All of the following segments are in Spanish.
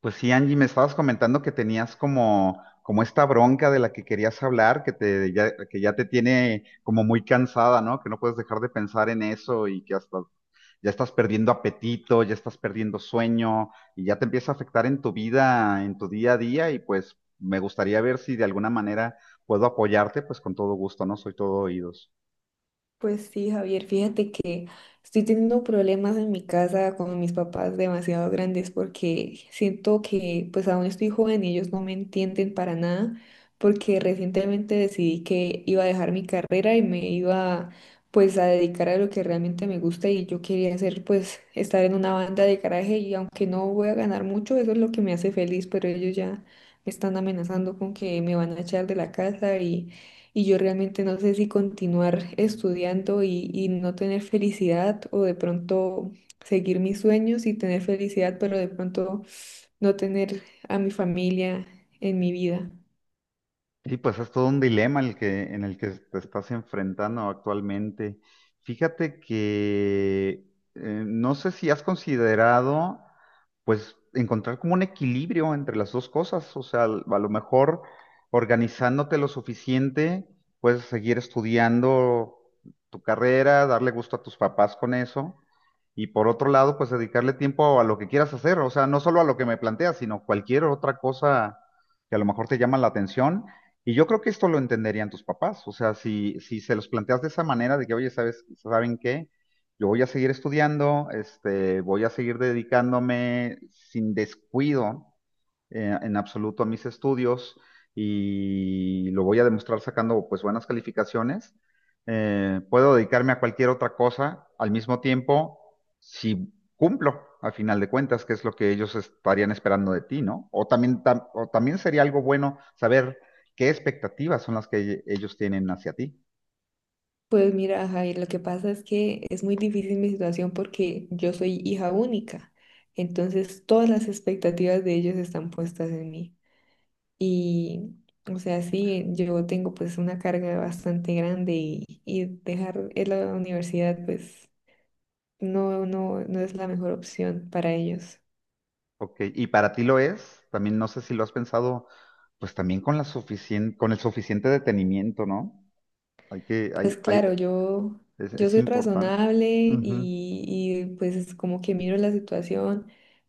Pues sí, Angie, me estabas comentando que tenías como esta bronca de la que querías hablar, que ya te tiene como muy cansada, ¿no? Que no puedes dejar de pensar en eso y que hasta ya estás perdiendo apetito, ya estás perdiendo sueño y ya te empieza a afectar en tu vida, en tu día a día y pues me gustaría ver si de alguna manera puedo apoyarte, pues con todo gusto, ¿no? Soy todo oídos. Pues sí, Javier, fíjate que estoy teniendo problemas en mi casa con mis papás demasiado grandes porque siento que pues aún estoy joven y ellos no me entienden para nada porque recientemente decidí que iba a dejar mi carrera y me iba pues a dedicar a lo que realmente me gusta y yo quería hacer pues estar en una banda de garaje y aunque no voy a ganar mucho, eso es lo que me hace feliz, pero ellos ya me están amenazando con que me van a echar de la casa y yo realmente no sé si continuar estudiando y no tener felicidad o de pronto seguir mis sueños y tener felicidad, pero de pronto no tener a mi familia en mi vida. Y pues es todo un dilema en el que te estás enfrentando actualmente. Fíjate que no sé si has considerado, pues, encontrar como un equilibrio entre las dos cosas. O sea, a lo mejor organizándote lo suficiente, puedes seguir estudiando tu carrera, darle gusto a tus papás con eso. Y por otro lado, pues dedicarle tiempo a lo que quieras hacer, o sea, no solo a lo que me planteas, sino cualquier otra cosa que a lo mejor te llama la atención y yo creo que esto lo entenderían tus papás. O sea, si se los planteas de esa manera, de que, oye, ¿saben qué? Yo voy a seguir estudiando, este, voy a seguir dedicándome sin descuido en absoluto a mis estudios y lo voy a demostrar sacando pues buenas calificaciones. Puedo dedicarme a cualquier otra cosa al mismo tiempo si cumplo, al final de cuentas, que es lo que ellos estarían esperando de ti, ¿no? O también, o también sería algo bueno saber qué expectativas son las que ellos tienen hacia ti. Pues mira, Jair, lo que pasa es que es muy difícil mi situación porque yo soy hija única, entonces todas las expectativas de ellos están puestas en mí. Y, o sea, sí, yo tengo pues una carga bastante grande y dejar la universidad pues no es la mejor opción para ellos. Ok, y para ti lo es, también no sé si lo has pensado, pues también con la con el suficiente detenimiento, ¿no? Hay que, Pues hay, claro, yo, yo es soy importante. razonable y, Ujú. y pues es como que miro la situación,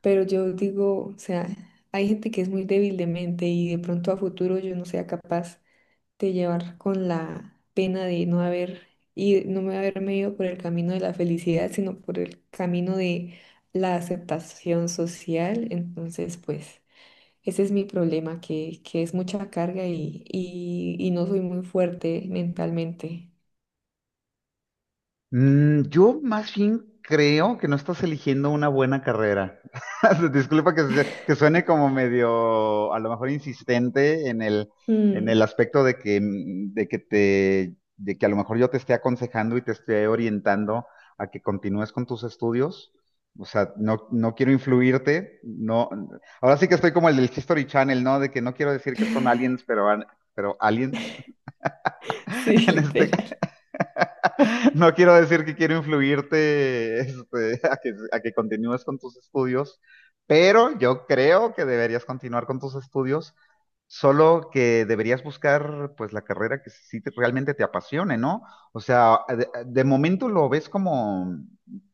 pero yo digo, o sea, hay gente que es muy débil de mente y de pronto a futuro yo no sea capaz de llevar con la pena de no haber y no me haberme ido por el camino de la felicidad, sino por el camino de la aceptación social. Entonces, pues, ese es mi problema, que es mucha carga y no soy muy fuerte mentalmente. Mm, yo más bien creo que no estás eligiendo una buena carrera. Disculpa que suene como medio, a lo mejor insistente en el Mm. aspecto de que, de que a lo mejor yo te esté aconsejando y te esté orientando a que continúes con tus estudios. O sea, no, no quiero influirte, no. Ahora sí que estoy como el del History Channel, ¿no? De que no quiero decir que son aliens, pero, pero aliens Sí, en este, literal. no quiero decir que quiero influirte este, a que continúes con tus estudios, pero yo creo que deberías continuar con tus estudios, solo que deberías buscar pues la carrera que realmente te apasione, ¿no? O sea, de momento lo ves como,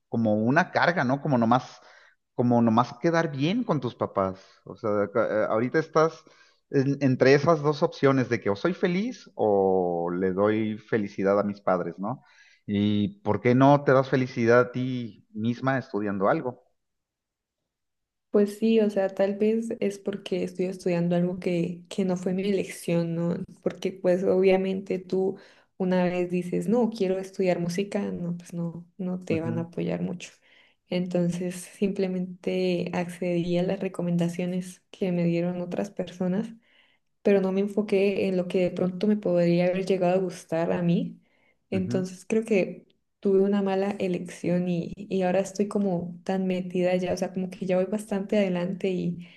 como una carga, ¿no? Como nomás quedar bien con tus papás. O sea, ahorita estás entre esas dos opciones de que o soy feliz o le doy felicidad a mis padres, ¿no? ¿Y por qué no te das felicidad a ti misma estudiando algo? Pues sí, o sea, tal vez es porque estoy estudiando algo que no fue mi elección, ¿no? Porque pues obviamente tú una vez dices, no, quiero estudiar música, no, pues no te van a apoyar mucho. Entonces simplemente accedí a las recomendaciones que me dieron otras personas, pero no me enfoqué en lo que de pronto me podría haber llegado a gustar a mí. Ujú, ujú. Entonces creo que tuve una mala elección y ahora estoy como tan metida ya, o sea, como que ya voy bastante adelante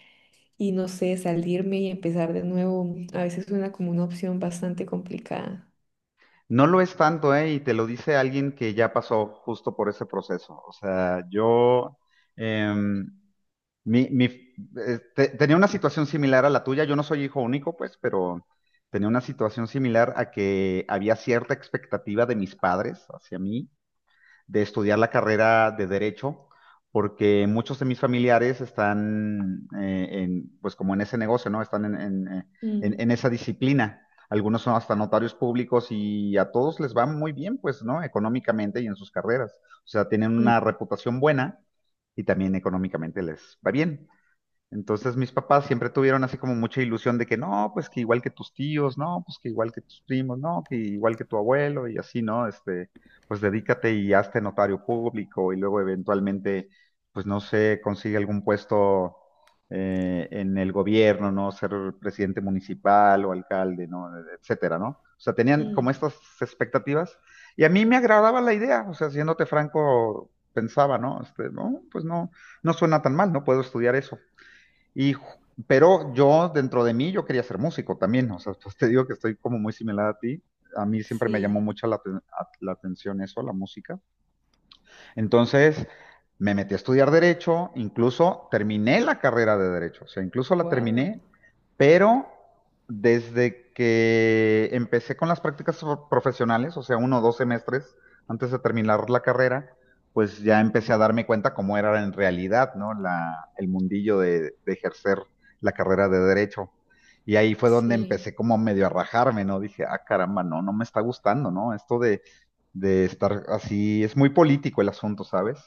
y no sé, salirme y empezar de nuevo a veces suena como una opción bastante complicada. No lo es tanto, ¿eh? Y te lo dice alguien que ya pasó justo por ese proceso. O sea, yo em, tenía una situación similar a la tuya. Yo no soy hijo único, pues, pero tenía una situación similar a que había cierta expectativa de mis padres hacia mí de estudiar la carrera de derecho, porque muchos de mis familiares están, en, pues como en ese negocio, ¿no? Están en Mm, en esa disciplina. Algunos son hasta notarios públicos y a todos les va muy bien, pues, ¿no? Económicamente y en sus carreras. O sea, tienen mm, una reputación buena y también económicamente les va bien. Entonces mis papás siempre tuvieron así como mucha ilusión de que no, pues que igual que tus tíos, no, pues que igual que tus primos, no, que igual que tu abuelo y así, ¿no? Este, pues dedícate y hazte notario público y luego eventualmente, pues no sé, consigue algún puesto en el gobierno, ¿no? Ser presidente municipal o alcalde, ¿no? Etcétera, ¿no? O sea, tenían como mm. estas expectativas y a mí me agradaba la idea, o sea, siéndote franco, pensaba, ¿no? Este, no, pues no, no suena tan mal, no puedo estudiar eso y, pero yo, dentro de mí, yo quería ser músico también, o sea, pues te digo que estoy como muy similar a ti. A mí siempre me llamó Sí. mucho la atención eso, la música. Entonces, me metí a estudiar derecho, incluso terminé la carrera de derecho, o sea, incluso la Wow. terminé, pero desde que empecé con las prácticas profesionales, o sea, uno o dos semestres antes de terminar la carrera, pues ya empecé a darme cuenta cómo era en realidad, ¿no? El mundillo de ejercer la carrera de derecho. Y ahí fue donde Sí, empecé como medio a rajarme, ¿no? Dije, ah, caramba, no, no me está gustando, ¿no? Esto de estar así, es muy político el asunto, ¿sabes?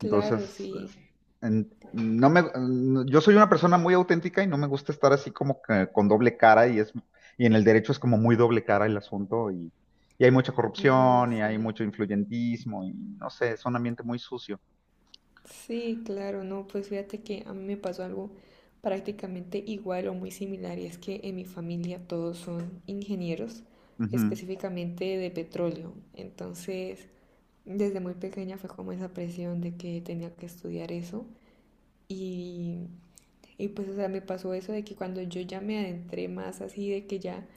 Entonces, es- sí. No me, yo soy una persona muy auténtica y no me gusta estar así como que con doble cara y es, y en el derecho es como muy doble cara el asunto y hay mucha No, corrupción y hay sí. mucho influyentismo y no sé, es un ambiente muy sucio. Sí, claro, no, pues fíjate que a mí me pasó algo prácticamente igual o muy similar y es que en mi familia todos son ingenieros, Ujú. específicamente de petróleo. Entonces, desde muy pequeña fue como esa presión de que tenía que estudiar eso y, y pues, o sea, me pasó eso de que cuando yo ya me adentré más así, de que ya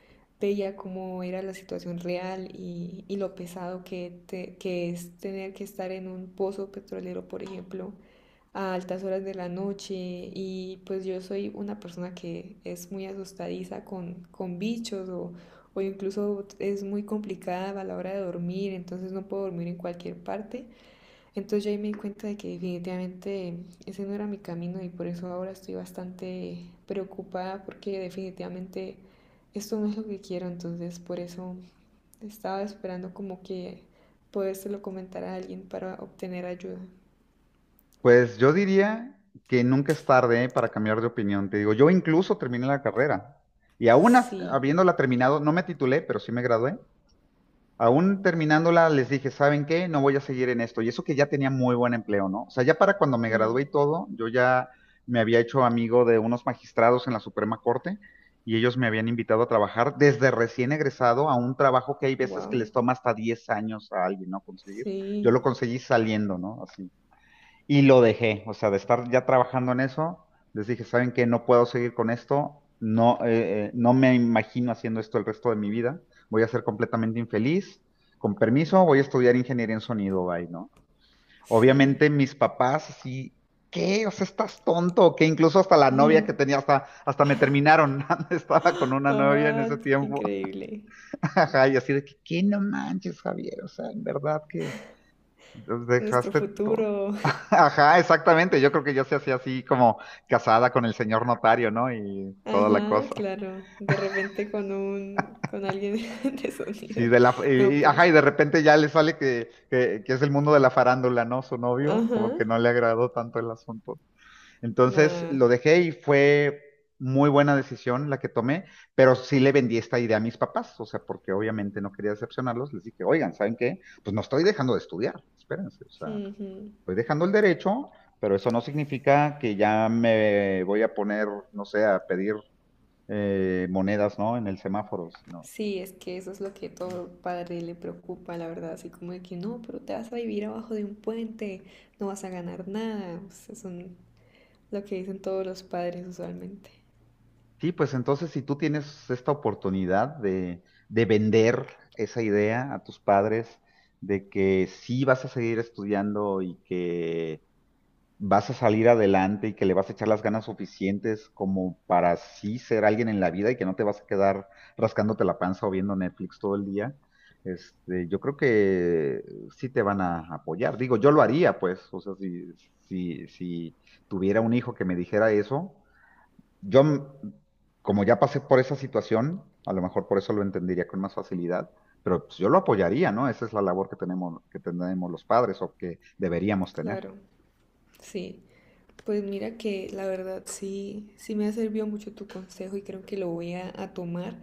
veía cómo era la situación real y lo pesado que, que es tener que estar en un pozo petrolero, por ejemplo a altas horas de la noche y pues yo soy una persona que es muy asustadiza con bichos o incluso es muy complicada a la hora de dormir, entonces no puedo dormir en cualquier parte. Entonces yo ahí me di cuenta de que definitivamente ese no era mi camino y por eso ahora estoy bastante preocupada porque definitivamente esto no es lo que quiero, entonces por eso estaba esperando como que podérselo comentar a alguien para obtener ayuda. Pues yo diría que nunca es tarde para cambiar de opinión. Te digo, yo incluso terminé la carrera y aún Sí. habiéndola terminado, no me titulé, pero sí me gradué. Aún terminándola, les dije, ¿saben qué? No voy a seguir en esto. Y eso que ya tenía muy buen empleo, ¿no? O sea, ya para cuando me Mm. gradué y todo, yo ya me había hecho amigo de unos magistrados en la Suprema Corte y ellos me habían invitado a trabajar desde recién egresado a un trabajo que hay veces que les Wow, toma hasta 10 años a alguien, ¿no? Conseguir. Yo sí, lo conseguí saliendo, ¿no? Así. Y lo dejé, o sea, de estar ya trabajando en eso, les dije, ¿saben qué? No puedo seguir con esto, no, no me imagino haciendo esto el resto de mi vida, voy a ser completamente infeliz, con permiso, voy a estudiar ingeniería en sonido, bye, ¿no? sí. Obviamente mis papás así, ¿qué? O sea, estás tonto, que incluso hasta la novia que tenía, hasta me terminaron, estaba con una novia en ese Abad, tiempo, increíble. ajá, y así de que, ¿qué no manches, Javier? O sea, en verdad que Nuestro dejaste todo. futuro. Ajá, exactamente. Yo creo que yo se hacía así como casada con el señor notario, ¿no? Y toda la Ajá, cosa. claro. De repente con un, con alguien de Sí, sonido. de la, No, y- pero. ajá, y de repente ya le sale que es el mundo de la farándula, ¿no? Su novio, Ajá. como que no le agradó tanto el asunto. Entonces Nada. lo dejé y fue muy buena decisión la que tomé, pero sí le vendí esta idea a mis papás, o sea, porque obviamente no quería decepcionarlos. Les dije, oigan, ¿saben qué? Pues no estoy dejando de estudiar, espérense, o sea. Ujú. Estoy dejando el derecho, pero eso no significa que ya me voy a poner, no sé, a pedir monedas, ¿no? En el semáforo. No. Sí, es que eso es lo que todo padre le preocupa, la verdad. Así como de que no, pero te vas a vivir abajo de un puente, no vas a ganar nada. O sea, son lo que dicen todos los padres usualmente. Sí, pues entonces si tú tienes esta oportunidad de vender esa idea a tus padres de que sí vas a seguir estudiando y que vas a salir adelante y que le vas a echar las ganas suficientes como para sí ser alguien en la vida y que no te vas a quedar rascándote la panza o viendo Netflix todo el día, este, yo creo que sí te van a apoyar. Digo, yo lo haría, pues, o sea, si tuviera un hijo que me dijera eso, yo, como ya pasé por esa situación, a lo mejor por eso lo entendería con más facilidad. Pero pues, yo lo apoyaría, ¿no? Esa es la labor que tenemos los padres o que deberíamos tener. Claro, sí. Pues mira que la verdad sí, sí me ha servido mucho tu consejo y creo que lo voy a tomar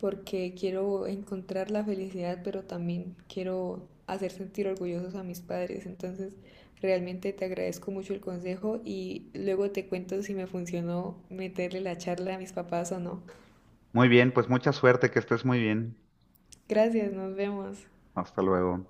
porque quiero encontrar la felicidad, pero también quiero hacer sentir orgullosos a mis padres. Entonces, realmente te agradezco mucho el consejo y luego te cuento si me funcionó meterle la charla a mis papás o no. Muy bien, pues mucha suerte, que estés muy bien. Gracias, nos vemos. Hasta luego.